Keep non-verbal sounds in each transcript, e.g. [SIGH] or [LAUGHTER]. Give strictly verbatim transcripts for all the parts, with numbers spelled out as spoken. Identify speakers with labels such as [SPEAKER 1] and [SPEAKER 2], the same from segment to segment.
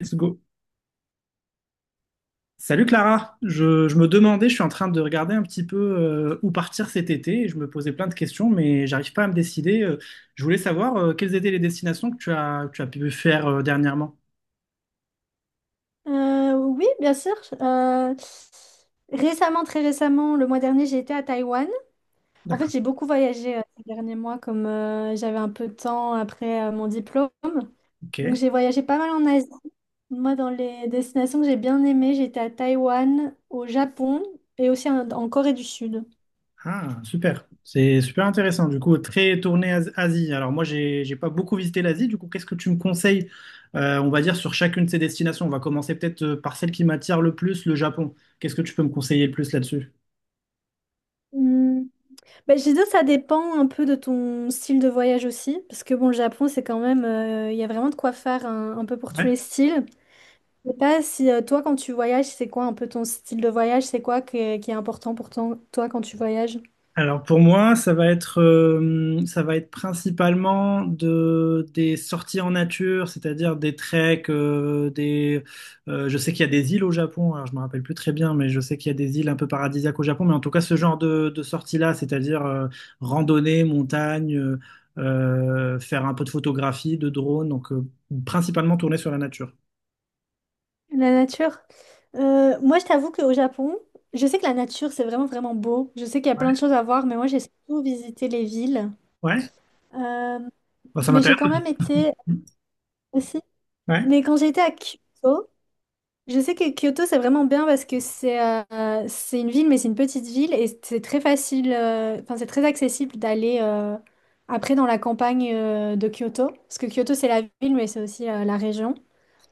[SPEAKER 1] Let's go. Salut Clara, je, je me demandais, je suis en train de regarder un petit peu euh, où partir cet été et je me posais plein de questions, mais j'arrive pas à me décider. Euh, je voulais savoir euh, quelles étaient les destinations que tu as, que tu as pu faire euh, dernièrement.
[SPEAKER 2] Euh, oui, bien sûr. Euh, récemment, très récemment, le mois dernier, j'ai été à Taïwan. En fait,
[SPEAKER 1] D'accord.
[SPEAKER 2] j'ai beaucoup voyagé euh, ces derniers mois, comme euh, j'avais un peu de temps après euh, mon diplôme.
[SPEAKER 1] Ok.
[SPEAKER 2] Donc, j'ai voyagé pas mal en Asie. Moi, dans les destinations que j'ai bien aimées, j'étais à Taïwan, au Japon et aussi en, en Corée du Sud.
[SPEAKER 1] Ah, super. C'est super intéressant. Du coup, très tourné As- Asie. Alors moi, j'ai, j'ai pas beaucoup visité l'Asie. Du coup, qu'est-ce que tu me conseilles, euh, on va dire, sur chacune de ces destinations? On va commencer peut-être euh, par celle qui m'attire le plus, le Japon. Qu'est-ce que tu peux me conseiller le plus là-dessus?
[SPEAKER 2] Hmm. Ben, je dis ça dépend un peu de ton style de voyage aussi, parce que bon, le Japon, c'est quand même, euh, il y a vraiment de quoi faire un, un peu pour tous les styles. Je sais pas si euh, toi, quand tu voyages, c'est quoi un peu ton style de voyage? C'est quoi que- qui est important pour ton- toi quand tu voyages?
[SPEAKER 1] Alors pour moi, ça va être, euh, ça va être principalement de, des sorties en nature, c'est-à-dire des treks, euh, des, euh, je sais qu'il y a des îles au Japon, alors je me rappelle plus très bien, mais je sais qu'il y a des îles un peu paradisiaques au Japon, mais en tout cas ce genre de, de sorties-là, c'est-à-dire euh, randonnée, montagne, euh, euh, faire un peu de photographie, de drone, donc euh, principalement tourner sur la nature.
[SPEAKER 2] La nature. Euh, moi, je t'avoue qu'au Japon, je sais que la nature, c'est vraiment, vraiment beau. Je sais qu'il y a
[SPEAKER 1] Ouais,
[SPEAKER 2] plein de choses à voir, mais moi, j'ai surtout visité les villes.
[SPEAKER 1] ouais,
[SPEAKER 2] Euh,
[SPEAKER 1] bah, ça
[SPEAKER 2] mais j'ai
[SPEAKER 1] m'intéresse.
[SPEAKER 2] quand même été aussi.
[SPEAKER 1] Ouais,
[SPEAKER 2] Mais quand j'étais à Kyoto, je sais que Kyoto, c'est vraiment bien parce que c'est euh, c'est une ville, mais c'est une petite ville et c'est très facile, euh, enfin, c'est très accessible d'aller euh, après dans la campagne euh, de Kyoto. Parce que Kyoto, c'est la ville, mais c'est aussi euh, la région.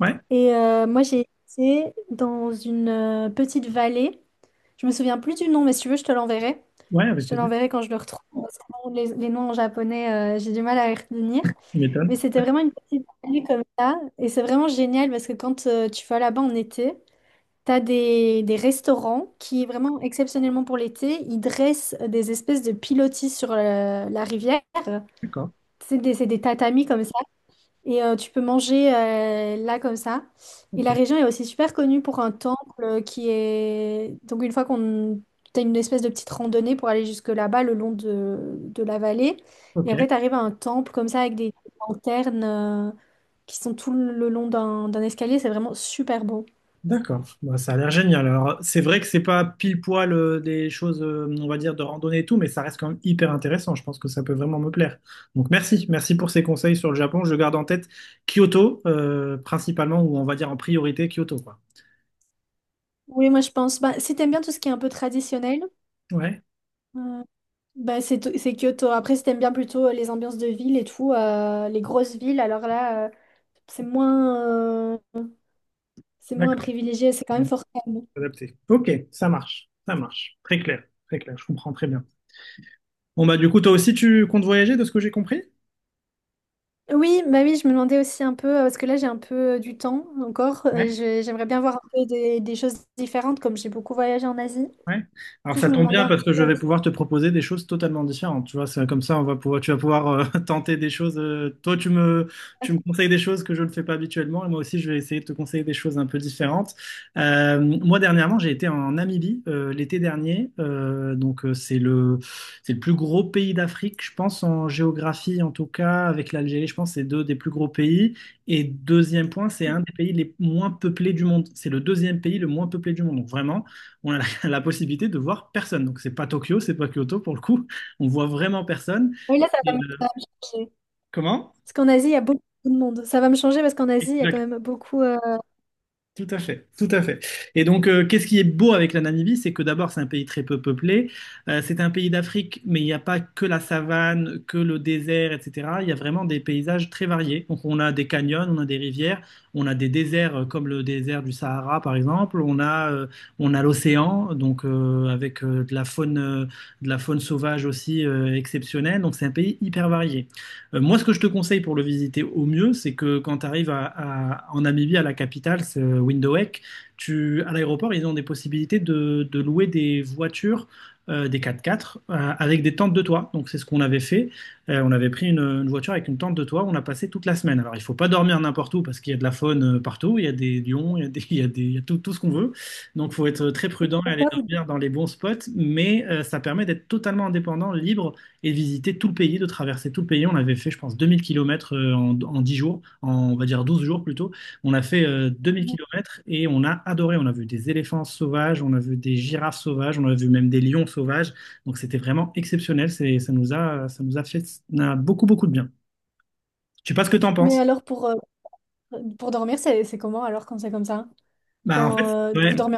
[SPEAKER 1] ouais,
[SPEAKER 2] Et euh, moi, j'ai été dans une euh, petite vallée. Je me souviens plus du nom, mais si tu veux, je te l'enverrai.
[SPEAKER 1] ouais,
[SPEAKER 2] Je
[SPEAKER 1] avec
[SPEAKER 2] te
[SPEAKER 1] plaisir.
[SPEAKER 2] l'enverrai quand je le retrouve, parce que bon, Les, les noms en japonais, euh, j'ai du mal à les retenir.
[SPEAKER 1] Tu
[SPEAKER 2] Mais
[SPEAKER 1] m'étonnes.
[SPEAKER 2] c'était vraiment une petite vallée comme ça. Et c'est vraiment génial parce que quand euh, tu vas là-bas en été, t'as des, des restaurants qui, vraiment exceptionnellement pour l'été, ils dressent des espèces de pilotis sur euh, la rivière.
[SPEAKER 1] D'accord.
[SPEAKER 2] C'est des, c'est des tatamis comme ça. Et euh, tu peux manger euh, là comme ça. Et
[SPEAKER 1] Ok,
[SPEAKER 2] la région est aussi super connue pour un temple euh, qui est... Donc une fois qu'on... T'as une espèce de petite randonnée pour aller jusque là-bas, le long de, de la vallée.
[SPEAKER 1] ok.
[SPEAKER 2] Et après, t'arrives à un temple comme ça avec des lanternes euh, qui sont tout le long d'un d'un escalier. C'est vraiment super beau.
[SPEAKER 1] D'accord, bah, ça a l'air génial. Alors, c'est vrai que c'est pas pile poil euh, des choses, euh, on va dire, de randonnée et tout, mais ça reste quand même hyper intéressant. Je pense que ça peut vraiment me plaire. Donc, merci, merci pour ces conseils sur le Japon. Je garde en tête Kyoto, euh, principalement, ou on va dire en priorité Kyoto, quoi.
[SPEAKER 2] Oui, moi je pense. Bah, si t'aimes bien tout ce qui est un peu traditionnel,
[SPEAKER 1] Ouais,
[SPEAKER 2] euh, bah, c'est to- c'est Kyoto. Après, si t'aimes bien plutôt euh, les ambiances de ville et tout, euh, les grosses villes, alors là, euh, c'est moins, euh, c'est moins
[SPEAKER 1] d'accord.
[SPEAKER 2] privilégié, c'est quand même fort calme.
[SPEAKER 1] Adapté. Ok, ça marche, ça marche. Très clair, très clair, je comprends très bien. Bon, bah, du coup, toi aussi, tu comptes voyager de ce que j'ai compris?
[SPEAKER 2] Oui, bah oui, je me demandais aussi un peu, euh, parce que là j'ai un peu euh, du temps encore. Euh, je- j'aimerais bien voir un peu des, des choses différentes, comme j'ai beaucoup voyagé en Asie. Du
[SPEAKER 1] Ouais. Alors
[SPEAKER 2] coup, je
[SPEAKER 1] ça
[SPEAKER 2] me
[SPEAKER 1] tombe
[SPEAKER 2] demandais
[SPEAKER 1] bien
[SPEAKER 2] un
[SPEAKER 1] parce
[SPEAKER 2] peu.
[SPEAKER 1] que je
[SPEAKER 2] euh,
[SPEAKER 1] vais pouvoir te proposer des choses totalement différentes. Tu vois, c'est comme ça, on va pouvoir, tu vas pouvoir euh, [LAUGHS] tenter des choses. Euh, toi, tu me, tu me conseilles des choses que je ne fais pas habituellement, et moi aussi, je vais essayer de te conseiller des choses un peu différentes. Euh, moi, dernièrement, j'ai été en Namibie euh, l'été dernier. Euh, donc euh, c'est le, c'est le plus gros pays d'Afrique, je pense en géographie en tout cas, avec l'Algérie, je pense que c'est deux des plus gros pays. Et deuxième point, c'est un des pays les moins peuplés du monde. C'est le deuxième pays le moins peuplé du monde. Donc vraiment. On a la possibilité de voir personne. Donc, c'est pas Tokyo, c'est pas Kyoto pour le coup. On voit vraiment personne.
[SPEAKER 2] Oui, là, ça va
[SPEAKER 1] Et,
[SPEAKER 2] me, ça
[SPEAKER 1] euh,
[SPEAKER 2] va me changer.
[SPEAKER 1] comment?
[SPEAKER 2] Parce qu'en Asie, il y a beaucoup de monde. Ça va me changer parce qu'en Asie, il y a quand même beaucoup. Euh,
[SPEAKER 1] Tout à fait, tout à fait. Et donc, euh, qu'est-ce qui est beau avec la Namibie, c'est que d'abord, c'est un pays très peu peuplé. Euh, c'est un pays d'Afrique, mais il n'y a pas que la savane, que le désert, et cetera. Il y a vraiment des paysages très variés. Donc, on a des canyons, on a des rivières, on a des déserts euh, comme le désert du Sahara, par exemple. On a, euh, on a l'océan, donc euh, avec euh, de la faune, euh, de la faune sauvage aussi euh, exceptionnelle. Donc, c'est un pays hyper varié. Euh, moi, ce que je te conseille pour le visiter au mieux, c'est que quand tu arrives à, à- en Namibie, à la capitale, c'est euh, Windhoek, tu, à l'aéroport, ils ont des possibilités de, de louer des voitures, euh, des quatre-quatre, euh, avec des tentes de toit. Donc, c'est ce qu'on avait fait. Euh, on avait pris une, une voiture avec une tente de toit, on a passé toute la semaine. Alors, il faut pas dormir n'importe où parce qu'il y a de la faune euh, partout, il y a des lions, il y a des, [LAUGHS] il y a des- il y a tout, tout ce qu'on veut. Donc, faut être très prudent et aller
[SPEAKER 2] d'endroits où-
[SPEAKER 1] dormir dans les bons spots, mais euh, ça permet d'être totalement indépendant, libre et visiter tout le pays, de traverser tout le pays. On avait fait, je pense, deux mille kilomètres euh, en, en dix jours, en, on va dire douze jours plutôt. On a fait euh, deux mille kilomètres et on a adoré. On a vu des éléphants sauvages, on a vu des girafes sauvages, on a vu même des lions sauvages. Donc c'était vraiment exceptionnel. C'est, ça nous a, ça nous a fait, ça a beaucoup, beaucoup de bien. Je sais pas ce que tu en penses.
[SPEAKER 2] Mais alors, pour, euh, pour dormir, c'est c'est comment alors quand c'est comme ça?
[SPEAKER 1] Bah, en
[SPEAKER 2] Quand
[SPEAKER 1] fait,
[SPEAKER 2] euh,
[SPEAKER 1] ouais,
[SPEAKER 2] vous dormez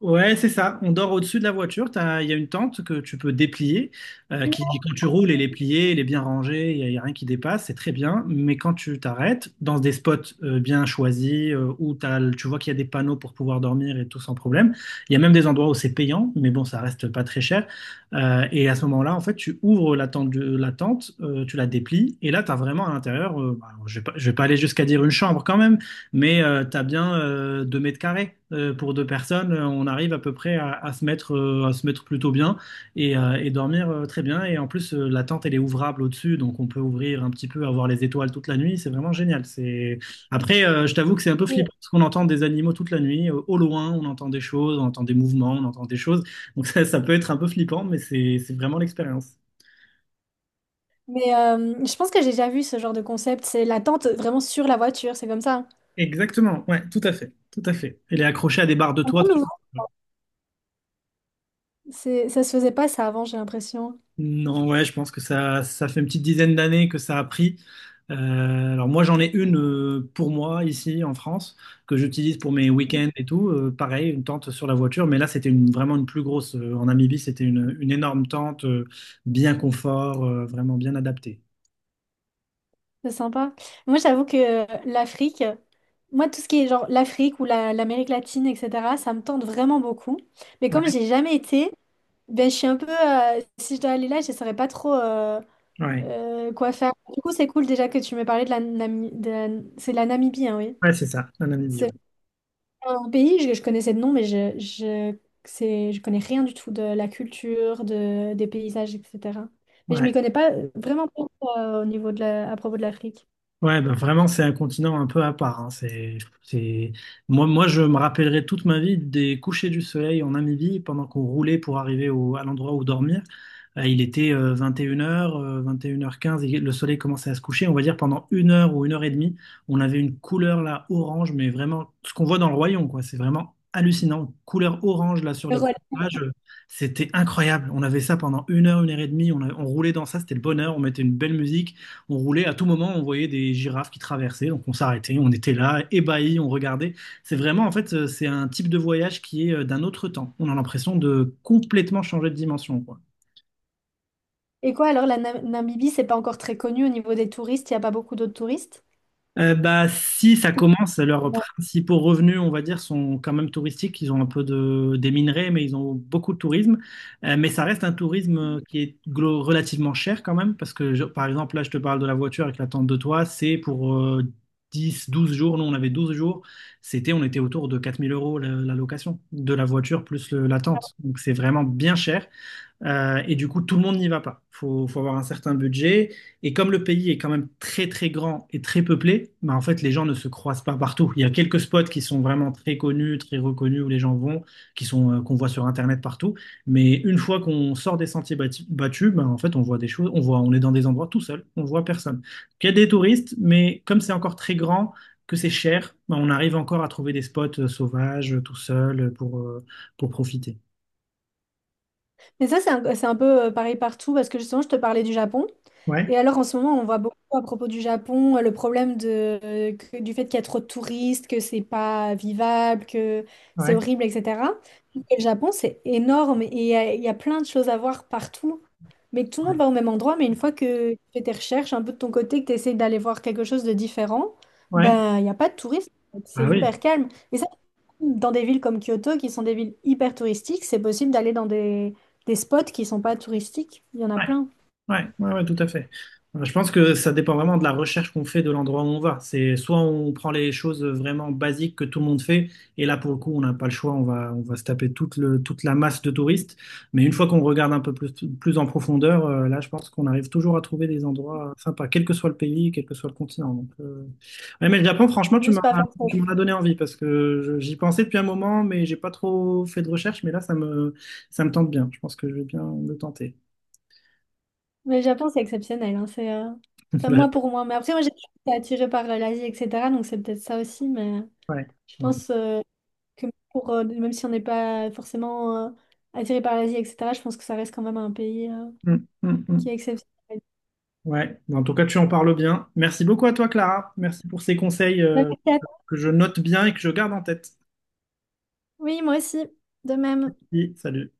[SPEAKER 1] ouais, c'est ça. On dort au-dessus de la voiture. T'as- il y a une tente que tu peux déplier, euh, qui, qui, quand tu roules, elle est pliée, elle est bien rangée, il n'y a, il y a rien qui dépasse, c'est très bien. Mais quand tu t'arrêtes dans des spots euh, bien choisis, euh, où t'as le- tu vois qu'il y a des panneaux pour pouvoir dormir et tout sans problème, il y a même des endroits où c'est payant, mais bon, ça reste pas très cher. Euh, et à ce moment-là, en fait, tu ouvres la tente, de, la tente euh, tu la déplies, et là, tu as vraiment à l'intérieur, euh, bah, je vais pas, je vais pas aller jusqu'à dire une chambre quand même, mais euh, t'as bien euh, deux mètres carrés euh, pour deux personnes. euh, On arrive à peu près à, à se mettre, euh, à se mettre plutôt bien et, euh, et dormir euh, très bien. Et en plus, euh, la tente, elle est ouvrable au-dessus, donc on peut ouvrir un petit peu, avoir les étoiles toute la nuit. C'est vraiment génial. C'est... Après, euh, je t'avoue que c'est un peu flippant
[SPEAKER 2] en...
[SPEAKER 1] parce qu'on entend des animaux toute la nuit. euh, Au loin, on entend des choses, on entend des mouvements, on entend des choses. Donc ça, ça peut être un peu flippant, mais c'est c'est vraiment l'expérience.
[SPEAKER 2] Mais euh, je pense que j'ai déjà vu ce genre de concept. C'est la tente vraiment sur la voiture, c'est comme ça.
[SPEAKER 1] Exactement, ouais, tout à fait, tout à fait. Elle est accrochée à des barres de
[SPEAKER 2] Un
[SPEAKER 1] toit.
[SPEAKER 2] peu nouveau. C'est, ça se faisait pas ça avant, j'ai l'impression.
[SPEAKER 1] Non, ouais, je pense que ça, ça fait une petite dizaine d'années que ça a pris. Euh, alors moi, j'en ai une euh, pour moi ici en France que j'utilise pour mes week-ends et tout. Euh, pareil, une tente sur la voiture, mais là, c'était une, vraiment une plus grosse. Euh, en Namibie, c'était une, une énorme tente, euh, bien confort, euh, vraiment bien adaptée.
[SPEAKER 2] C'est sympa. Moi, j'avoue que euh, l'Afrique, moi, tout ce qui est genre l'Afrique ou la- l'Amérique latine, et cetera, ça me tente vraiment beaucoup. Mais comme
[SPEAKER 1] Ouais,
[SPEAKER 2] j'ai jamais été, ben, je suis un peu. Euh, si je dois aller là, je ne saurais pas trop euh,
[SPEAKER 1] ouais,
[SPEAKER 2] euh, quoi faire. Du coup, c'est cool déjà que tu me parlais de la Namibie. C'est la Namibie, hein, oui.
[SPEAKER 1] ouais, c'est ça, la Namibie.
[SPEAKER 2] C'est
[SPEAKER 1] Ouais.
[SPEAKER 2] un pays, je, je connaissais de nom, mais je, je, c'est, je connais rien du tout de la culture, de, des paysages, et cetera. Mais je
[SPEAKER 1] Ouais.
[SPEAKER 2] m'y connais pas euh, vraiment pas euh, au niveau de la, à propos de l'Afrique.
[SPEAKER 1] Ouais, bah vraiment, c'est un continent un peu à part, hein. C'est, c'est... Moi, moi, je me rappellerai toute ma vie des couchers du soleil en Namibie pendant qu'on roulait pour arriver au, à l'endroit où dormir. Euh, il était euh, vingt et une heures, quinze et une heures quinze, et le soleil commençait à se coucher. On va dire pendant une heure ou une heure et demie, on avait une couleur là orange, mais vraiment ce qu'on voit dans le royaume, quoi. C'est vraiment hallucinant. Couleur orange là sur
[SPEAKER 2] Le
[SPEAKER 1] les
[SPEAKER 2] Rwanda.
[SPEAKER 1] plages, euh, c'était incroyable. On avait ça pendant une heure, une heure et demie. On, a- on roulait dans ça, c'était le bonheur. On mettait une belle musique on roulait. À tout moment, on voyait des girafes qui traversaient. Donc on s'arrêtait, on était là, ébahis, on regardait. C'est vraiment, en fait, euh, c'est un type de voyage qui est euh, d'un autre temps. On a l'impression de complètement changer de dimension, quoi.
[SPEAKER 2] Et quoi alors, la Na- Namibie, c'est pas encore très connu au niveau des touristes, il n'y a pas beaucoup d'autres touristes.
[SPEAKER 1] Euh, bah, si ça commence, leurs
[SPEAKER 2] Ou-
[SPEAKER 1] principaux revenus, on va dire, sont quand même touristiques. Ils ont un peu de, des minerais, mais ils ont beaucoup de tourisme. Euh, mais ça reste un tourisme euh, qui est glo- relativement cher quand même, parce que, je- par exemple, là, je te parle de la voiture avec la tente de toit, c'est pour euh, dix, douze jours. Nous, on avait douze jours. C'était, on était autour de quatre mille euros la, la location de la voiture plus le- la tente. Donc, c'est vraiment bien cher. Euh, et du coup, tout le monde n'y va pas. Il Faut, faut avoir un certain budget. Et comme le pays est quand même très très grand et très peuplé, bah, en fait, les gens ne se croisent pas partout. Il y a quelques spots qui sont vraiment très connus, très reconnus où les gens vont, qui sont euh, qu'on voit sur Internet partout. Mais une fois qu'on sort des sentiers bati- battus, bah, en fait, on voit des choses. On voit, on est dans des endroits tout seul. On voit personne. Donc, il y a des touristes, mais comme c'est encore très grand, que c'est cher, bah, on arrive encore à trouver des spots euh, sauvages, euh, tout seul, euh, pour euh, pour profiter.
[SPEAKER 2] Mais ça, c'est un, c'est un peu euh, pareil partout, parce que justement, je te parlais du Japon.
[SPEAKER 1] Ouais,
[SPEAKER 2] Et alors, en ce moment, on voit beaucoup à propos du Japon euh, le problème de, euh, que- du fait qu'il y a trop de touristes, que c'est pas vivable, que c'est
[SPEAKER 1] ouais,
[SPEAKER 2] horrible, et cetera. Et le Japon, c'est énorme et il y a, il y a plein de choses à voir partout. Mais tout le monde
[SPEAKER 1] ouais.
[SPEAKER 2] va au même endroit, mais une fois que tu fais tes recherches un peu de ton côté, que tu essayes d'aller voir quelque chose de différent,
[SPEAKER 1] Ouais.
[SPEAKER 2] ben, il n'y a pas de touristes. C'est
[SPEAKER 1] Ah oui,
[SPEAKER 2] hyper calme. Et ça, dans des villes comme Kyoto, qui sont des villes hyper touristiques, c'est possible d'aller dans des, des spots qui sont pas touristiques. Il y en a
[SPEAKER 1] ouais,
[SPEAKER 2] plein.
[SPEAKER 1] ouais, ouais, ouais, tout à fait. Euh, Je pense que ça dépend vraiment de la recherche qu'on fait de l'endroit où on va. C'est soit on prend les choses vraiment basiques que tout le monde fait, et là pour le coup on n'a pas le choix, on va, on va se taper toute le, toute la masse de touristes. Mais une fois qu'on regarde un peu plus, plus en profondeur, euh, là je pense qu'on arrive toujours à trouver des endroits sympas, quel que soit le pays, quel que soit le continent. Donc, euh, ouais, mais le Japon, franchement, tu
[SPEAKER 2] Juste
[SPEAKER 1] m'as,
[SPEAKER 2] pas forcément.
[SPEAKER 1] tu m'en as donné envie parce que je- j'y pensais depuis un moment, mais j'ai pas trop fait de recherche. Mais là ça me, ça me tente bien. Je pense que je vais bien le tenter.
[SPEAKER 2] Mais le Japon, c'est exceptionnel, hein. C'est, euh, enfin, moi
[SPEAKER 1] D'accord.
[SPEAKER 2] pour moi. Mais après, moi, j'ai été attirée par euh, l'Asie, et cetera. Donc c'est peut-être ça aussi. Mais
[SPEAKER 1] Ouais.
[SPEAKER 2] je
[SPEAKER 1] Ouais.
[SPEAKER 2] pense. euh, que pour, euh, même si on n'est pas forcément euh, attiré par l'Asie, et cetera, je pense que ça reste quand même un pays euh,
[SPEAKER 1] Mm, mm,
[SPEAKER 2] qui est
[SPEAKER 1] mm.
[SPEAKER 2] exceptionnel.
[SPEAKER 1] Ouais. Bon, en tout cas, tu en parles bien. Merci beaucoup à toi, Clara. Merci pour ces conseils, euh,
[SPEAKER 2] vingt-quatre.
[SPEAKER 1] que je note bien et que je garde en tête.
[SPEAKER 2] Oui, moi aussi, de même.
[SPEAKER 1] Oui. Salut.